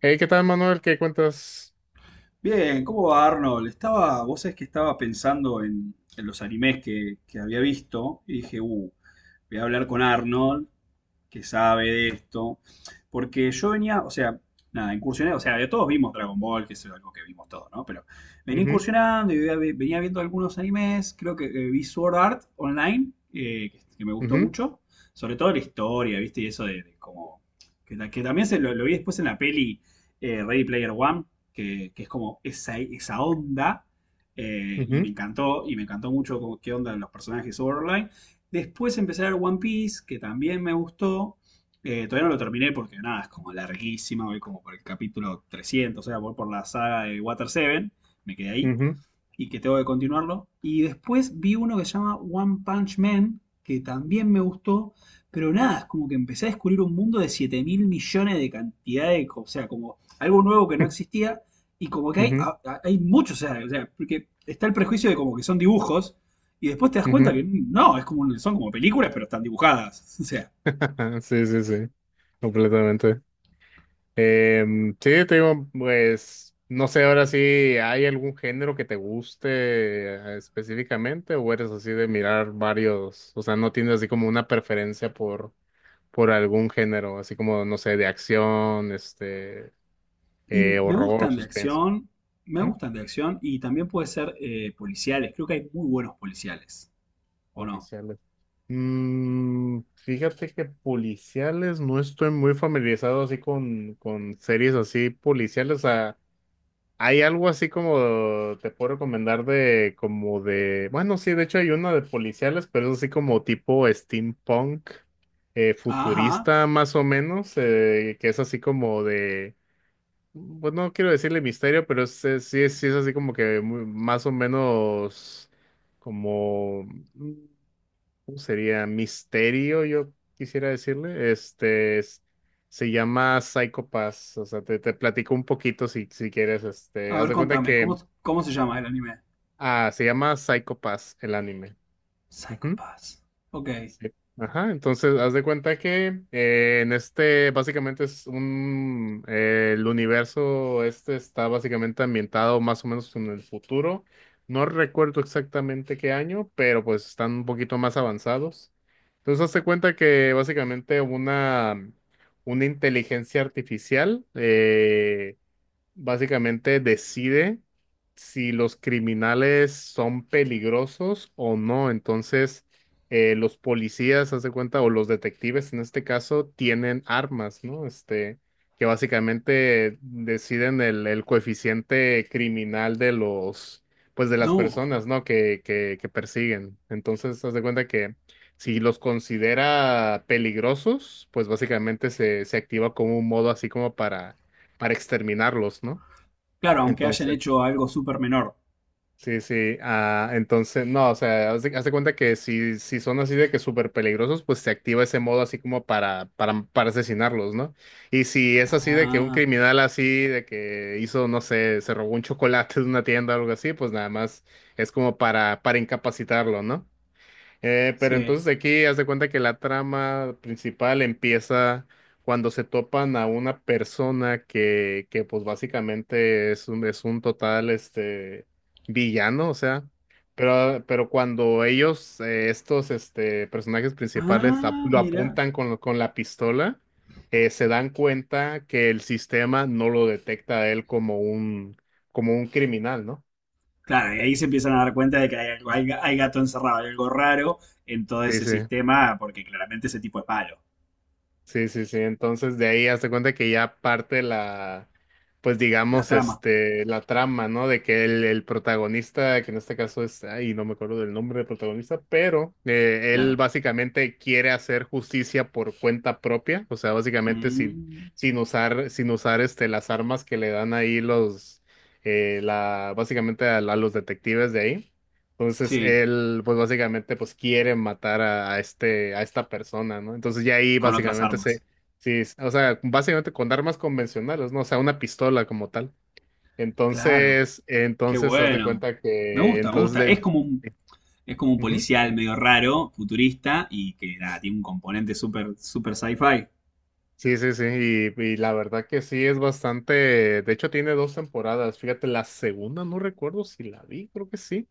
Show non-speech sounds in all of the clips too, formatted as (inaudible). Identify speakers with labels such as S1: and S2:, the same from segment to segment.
S1: Hey, ¿qué tal, Manuel? ¿Qué cuentas?
S2: Bien, ¿cómo va Arnold? Estaba, vos sabés que estaba pensando en los animes que había visto y dije, voy a hablar con Arnold que sabe de esto. Porque yo venía, o sea, nada, incursioné, o sea, ya todos vimos Dragon Ball, que es algo que vimos todos, ¿no? Pero venía
S1: Ujú,
S2: incursionando y venía viendo algunos animes, creo que vi Sword Art Online, que me gustó
S1: ujú,
S2: mucho, sobre todo la historia, ¿viste? Y eso de como, que también se lo vi después en la peli Ready Player One, que es como esa onda,
S1: ujú,
S2: y me encantó mucho como qué onda los personajes de Sword Art Online. Después empecé a ver One Piece, que también me gustó. Todavía no lo terminé porque nada, es como larguísima, voy como por el capítulo 300, o sea, voy por la saga de Water Seven, me quedé ahí
S1: ujú,
S2: y que tengo que continuarlo. Y después vi uno que se llama One Punch Man, que también me gustó, pero nada, es como que empecé a descubrir un mundo de 7.000 millones de cantidad de, o sea, como algo nuevo que no existía, y como que
S1: (laughs)
S2: hay,
S1: ujú,
S2: hay muchos, o sea, porque está el prejuicio de como que son dibujos, y después te das cuenta
S1: ujú.
S2: que no, es como, son como películas, pero están dibujadas, o sea,
S1: (laughs) Sí, sí, sí, completamente. Sí, te digo, pues, no sé ahora si hay algún género que te guste específicamente o eres así de mirar varios, o sea, no tienes así como una preferencia por algún género, así como, no sé, de acción,
S2: y me
S1: horror,
S2: gustan de
S1: suspenso.
S2: acción, me gustan de acción, y también puede ser policiales, creo que hay muy buenos policiales, ¿o no?
S1: Policiales. Mm, fíjate que policiales no estoy muy familiarizado así con series así policiales. O sea, hay algo así como te puedo recomendar de como de, bueno, sí, de hecho hay una de policiales, pero es así como tipo steampunk,
S2: Ajá,
S1: futurista más o menos, que es así como de, pues no quiero decirle misterio, pero sí es así como que más o menos como... Sería misterio, yo quisiera decirle. Se llama Psycho Pass. O sea, te platico un poquito si quieres. Este,
S2: a
S1: haz
S2: ver,
S1: de cuenta
S2: contame, ¿cómo,
S1: que
S2: cómo se llama el anime?
S1: ah, se llama Psycho Pass el anime.
S2: Psycho Pass. Ok.
S1: Sí. Ajá, entonces haz de cuenta que en este básicamente es un el universo este está básicamente ambientado más o menos en el futuro. No recuerdo exactamente qué año, pero pues están un poquito más avanzados. Entonces haz de cuenta que básicamente una inteligencia artificial básicamente decide si los criminales son peligrosos o no. Entonces, los policías, haz de cuenta, o los detectives en este caso, tienen armas, ¿no? Este, que básicamente deciden el coeficiente criminal de los, pues de las
S2: No.
S1: personas, ¿no? Que persiguen. Entonces, haz de cuenta que si los considera peligrosos, pues básicamente se activa como un modo así como para exterminarlos, ¿no?
S2: Claro, aunque hayan
S1: Entonces,
S2: hecho algo súper menor.
S1: sí, sí, ah, entonces, no, o sea, haz de cuenta que si son así de que súper peligrosos, pues se activa ese modo así como para asesinarlos, ¿no? Y si es así de que un
S2: Ah,
S1: criminal así, de que hizo, no sé, se robó un chocolate de una tienda o algo así, pues nada más es como para incapacitarlo, ¿no? Pero
S2: sí.
S1: entonces aquí haz de cuenta que la trama principal empieza cuando se topan a una persona que pues básicamente es un total este villano, o sea, pero cuando ellos, estos este, personajes principales
S2: Ah,
S1: lo
S2: mira.
S1: apuntan con la pistola, se dan cuenta que el sistema no lo detecta a él como un criminal, ¿no?
S2: Claro, y ahí se empiezan a dar cuenta de que hay gato encerrado, hay algo raro en todo
S1: Sí,
S2: ese
S1: sí.
S2: sistema, porque claramente ese tipo es malo.
S1: Sí, sí, sí. Entonces de ahí hazte cuenta que ya parte la, pues
S2: La
S1: digamos,
S2: trama,
S1: este, la trama, ¿no? De que el protagonista, que en este caso es, ay, no me acuerdo del nombre del protagonista, pero él
S2: claro.
S1: básicamente quiere hacer justicia por cuenta propia, o sea, básicamente sin,
S2: Mm,
S1: sin usar este, las armas que le dan ahí los, la, básicamente a los detectives de ahí. Entonces
S2: sí,
S1: él, pues básicamente, pues quiere matar a este, a esta persona, ¿no? Entonces ya ahí
S2: con otras
S1: básicamente se,
S2: armas.
S1: sí, es- o sea, básicamente con armas convencionales, ¿no? O sea, una pistola como tal.
S2: Claro.
S1: Entonces,
S2: Qué
S1: entonces haz de
S2: bueno.
S1: cuenta
S2: Me
S1: que,
S2: gusta, me
S1: entonces,
S2: gusta. Es
S1: de,
S2: como un Es como un policial medio raro, futurista, y que nada, tiene un componente súper super sci-fi.
S1: sí, sí, sí, y la verdad que sí es bastante, de hecho tiene dos temporadas, fíjate, la segunda no recuerdo si la vi, creo que sí.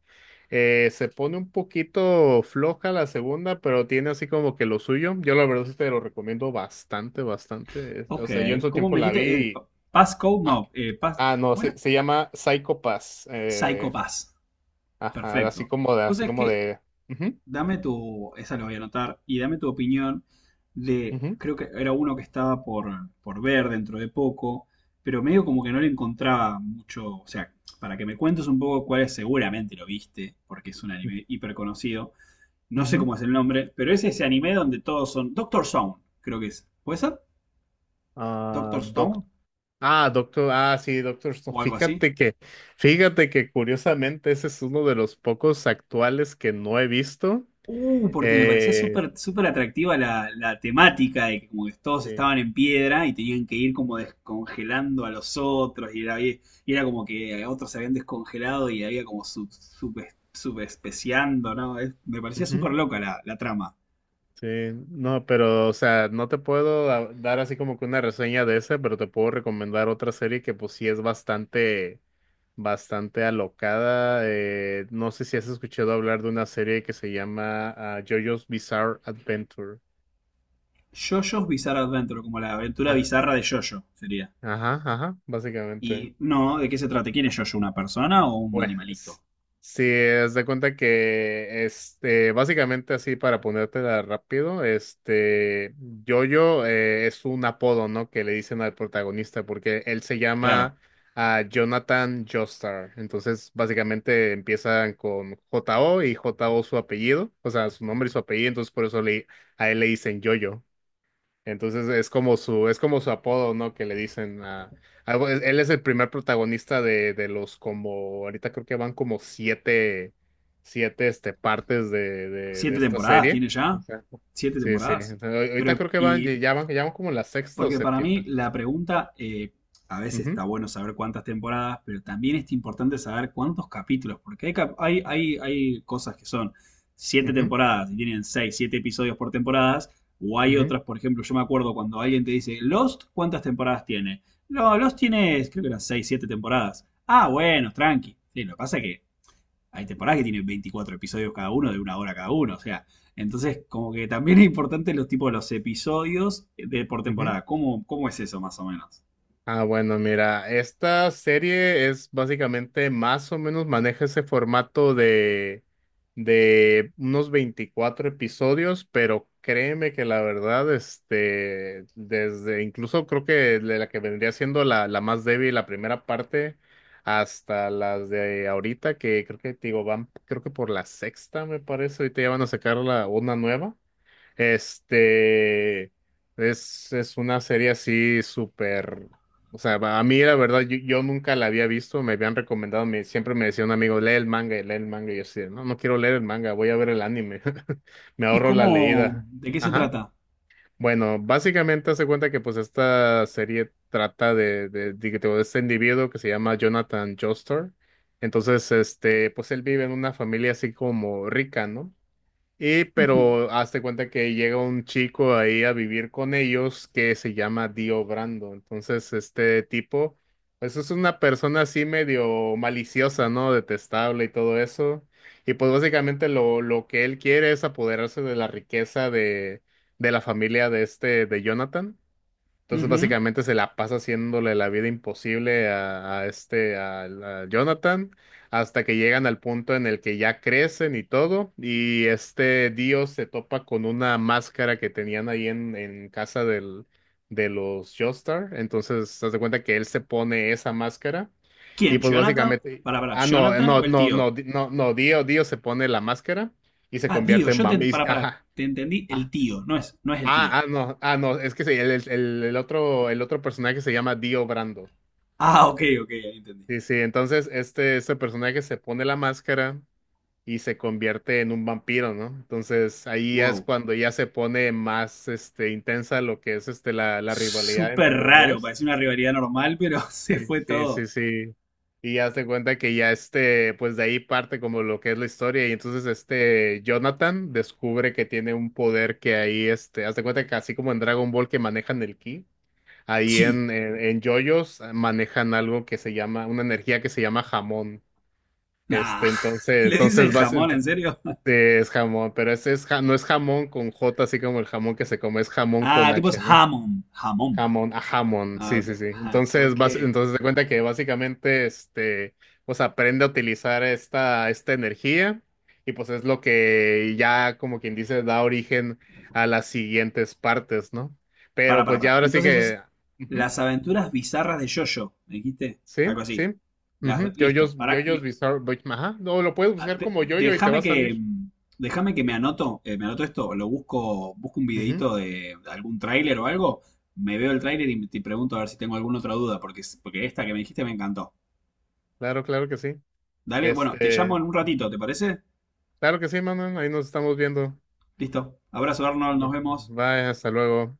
S1: Se pone un poquito floja la segunda, pero tiene así como que lo suyo, yo la verdad sí te lo recomiendo bastante, bastante. Es- o
S2: Ok,
S1: sea, yo en su
S2: ¿cómo
S1: tiempo
S2: me
S1: la vi
S2: dijiste?
S1: y,
S2: Passcode,
S1: ah,
S2: no,
S1: no,
S2: ¿cómo era?
S1: se llama Psycho Pass,
S2: Psycho Pass.
S1: ajá,
S2: Perfecto. Vos
S1: así
S2: sabés
S1: como
S2: que,
S1: de,
S2: dame tu, esa lo voy a anotar, y dame tu opinión de,
S1: ujú,
S2: creo que era uno que estaba por ver dentro de poco, pero medio como que no le encontraba mucho, o sea, para que me cuentes un poco cuál es, seguramente lo viste, porque es un anime hiper conocido. No
S1: ujú,
S2: sé
S1: ujú.
S2: cómo es el nombre, pero es ese anime donde todos son. Doctor Stone, creo que es. ¿Puede ser? ¿Doctor
S1: Ah,
S2: Stone?
S1: Ah, Doctor, ah, sí, Doctor Stone.
S2: O algo así.
S1: Fíjate que curiosamente ese es uno de los pocos actuales que no he visto.
S2: Porque me parecía
S1: Eh,
S2: súper súper atractiva la temática de que como que todos
S1: sí,
S2: estaban en piedra y tenían que ir como descongelando a los otros y era como que otros se habían descongelado y había como subespeciando, ¿no? Me parecía súper
S1: ujú,
S2: loca la trama.
S1: sí, no, pero, o sea, no te puedo dar así como que una reseña de ese, pero te puedo recomendar otra serie que pues sí es bastante, bastante alocada. No sé si has escuchado hablar de una serie que se llama ah, JoJo's Bizarre Adventure.
S2: JoJo's Bizarre Adventure, como la aventura
S1: Ah,
S2: bizarra de JoJo sería.
S1: ajá, ajá, básicamente.
S2: Y no, ¿de qué se trata? ¿Quién es Jojo? ¿Una persona o un
S1: Bueno,
S2: animalito?
S1: es- si es de cuenta que este, básicamente así para ponértela rápido, este, Jojo es un apodo, ¿no? Que le dicen al protagonista porque él se
S2: Claro.
S1: llama ah, Jonathan Joestar. Entonces, básicamente empiezan con J O y J O su apellido, o sea, su nombre y su apellido, entonces por eso le, a él le dicen Jojo. Entonces es como es como su apodo, ¿no? Que le dicen pues, él es el primer protagonista de los como, ahorita creo que van como siete, siete este, partes de
S2: ¿Siete
S1: esta
S2: temporadas
S1: serie.
S2: tiene ya?
S1: Exacto.
S2: ¿Siete
S1: Sí, sí.
S2: temporadas?
S1: Entonces, ahorita
S2: Pero,
S1: creo que van,
S2: y
S1: ya van como la sexta o
S2: Porque para mí
S1: séptima.
S2: la pregunta, a veces está
S1: Ujú,
S2: bueno saber cuántas temporadas, pero también es importante saber cuántos capítulos, porque hay, cap- hay cosas que son siete
S1: ujú,
S2: temporadas y tienen seis, siete episodios por temporadas, o hay
S1: ujú,
S2: otras, por ejemplo, yo me acuerdo cuando alguien te dice, Lost, ¿cuántas temporadas tiene? No, Lost tiene, creo que eran seis, siete temporadas. Ah, bueno, tranqui. Sí, lo que pasa es que hay temporadas que tienen 24 episodios cada uno, de una hora cada uno. O sea, entonces como que también es importante los tipos, de los episodios de, por
S1: ujú.
S2: temporada. ¿Cómo es eso más o menos?
S1: Ah, bueno, mira, esta serie es básicamente más o menos maneja ese formato de unos 24 episodios, pero créeme que la verdad, este, desde incluso creo que de la que vendría siendo la, la más débil, la primera parte, hasta las de ahorita, que creo que, te digo, van, creo que por la sexta, me parece, ahorita ya van a sacar la, una nueva. Este es una serie así súper. O sea, a mí la verdad, yo nunca la había visto, me habían recomendado, me, siempre me decía un amigo, lee el manga, y lee el manga, y yo decía, no, no quiero leer el manga, voy a ver el anime, (laughs) me
S2: ¿Y
S1: ahorro la
S2: cómo,
S1: leída.
S2: de qué se
S1: Ajá.
S2: trata?
S1: Bueno, básicamente hace cuenta que pues esta serie trata de este individuo que se llama Jonathan Joestar. Entonces, este, pues él vive en una familia así como rica, ¿no? Y
S2: Ujú,
S1: pero hazte cuenta que llega un chico ahí a vivir con ellos que se llama Dio Brando. Entonces, este tipo, pues es una persona así medio maliciosa, ¿no? Detestable y todo eso. Y pues básicamente lo que él quiere es apoderarse de la riqueza de la familia de este, de Jonathan. Entonces
S2: ujú.
S1: básicamente se la pasa haciéndole la vida imposible a este, Jonathan, hasta que llegan al punto en el que ya crecen y todo, y este Dio se topa con una máscara que tenían ahí en casa del, de los Joestar, entonces se de cuenta que él se pone esa máscara, y
S2: ¿Quién?
S1: pues
S2: ¿Jonathan?
S1: básicamente,
S2: Para,
S1: ah, no,
S2: ¿Jonathan o el tío?
S1: Dio, Dio se pone la máscara y se
S2: Ah, tío.
S1: convierte en
S2: Yo te,
S1: vampiro,
S2: para,
S1: ajá.
S2: te entendí, el tío, no es el tío.
S1: No, ah, no, es que sí, el otro personaje se llama Dio Brando.
S2: Ah, ok, ok, ahí entendí.
S1: Sí, sí, entonces este personaje se pone la máscara y se convierte en un vampiro, ¿no? Entonces ahí ya es
S2: Wow.
S1: cuando ya se pone más este, intensa lo que es este, la rivalidad
S2: Súper
S1: entre los
S2: raro,
S1: dos.
S2: parecía una rivalidad normal, pero (laughs) se
S1: Sí,
S2: fue
S1: sí,
S2: todo.
S1: sí, sí. Y ya se cuenta que ya este, pues de ahí parte como lo que es la historia. Y entonces este Jonathan descubre que tiene un poder que ahí, este, haz de cuenta que así como en Dragon Ball que manejan el ki. Ahí
S2: Sí.
S1: en JoJo's manejan algo que se llama, una energía que se llama jamón.
S2: Nah.
S1: Este,
S2: (laughs)
S1: entonces,
S2: ¿Le dicen
S1: entonces vas,
S2: jamón,
S1: ento-
S2: en serio?
S1: es jamón, pero ese es, ja- no es jamón con J, así como el jamón que se come, es jamón
S2: Ah,
S1: con
S2: tipo es
S1: H, ¿no?
S2: jamón. Jamón.
S1: Jamón, a jamón,
S2: Ah,
S1: sí,
S2: ok.
S1: sí, sí.
S2: Ja,
S1: Entonces,
S2: ok.
S1: vas, entonces te cuenta que básicamente, este, pues aprende a utilizar esta, esta energía y pues es lo que ya, como quien dice, da origen a las siguientes partes, ¿no? Pero
S2: Para,
S1: pues ya
S2: para.
S1: ahora sí
S2: Entonces es
S1: que... Ujú.
S2: las aventuras bizarras de Jojo, ¿me dijiste?
S1: Sí,
S2: Algo así.
S1: sí. Ujú.
S2: Listo.
S1: Yoyos,
S2: Para,
S1: yoyos Bizarre Boy- Ajá. No, lo puedes buscar como yoyo y te va
S2: déjame
S1: a
S2: que.
S1: salir.
S2: mm, Déjame que me anoto esto, lo busco, busco un
S1: Ujú.
S2: videito de algún tráiler o algo, me veo el tráiler y te pregunto a ver si tengo alguna otra duda, porque esta que me dijiste me encantó.
S1: Claro, claro que sí.
S2: Dale, bueno, te llamo
S1: Este,
S2: en un ratito, ¿te parece?
S1: claro que sí, Manuel. Ahí nos estamos viendo.
S2: Listo. Abrazo, Arnold, nos vemos.
S1: Bye, hasta luego.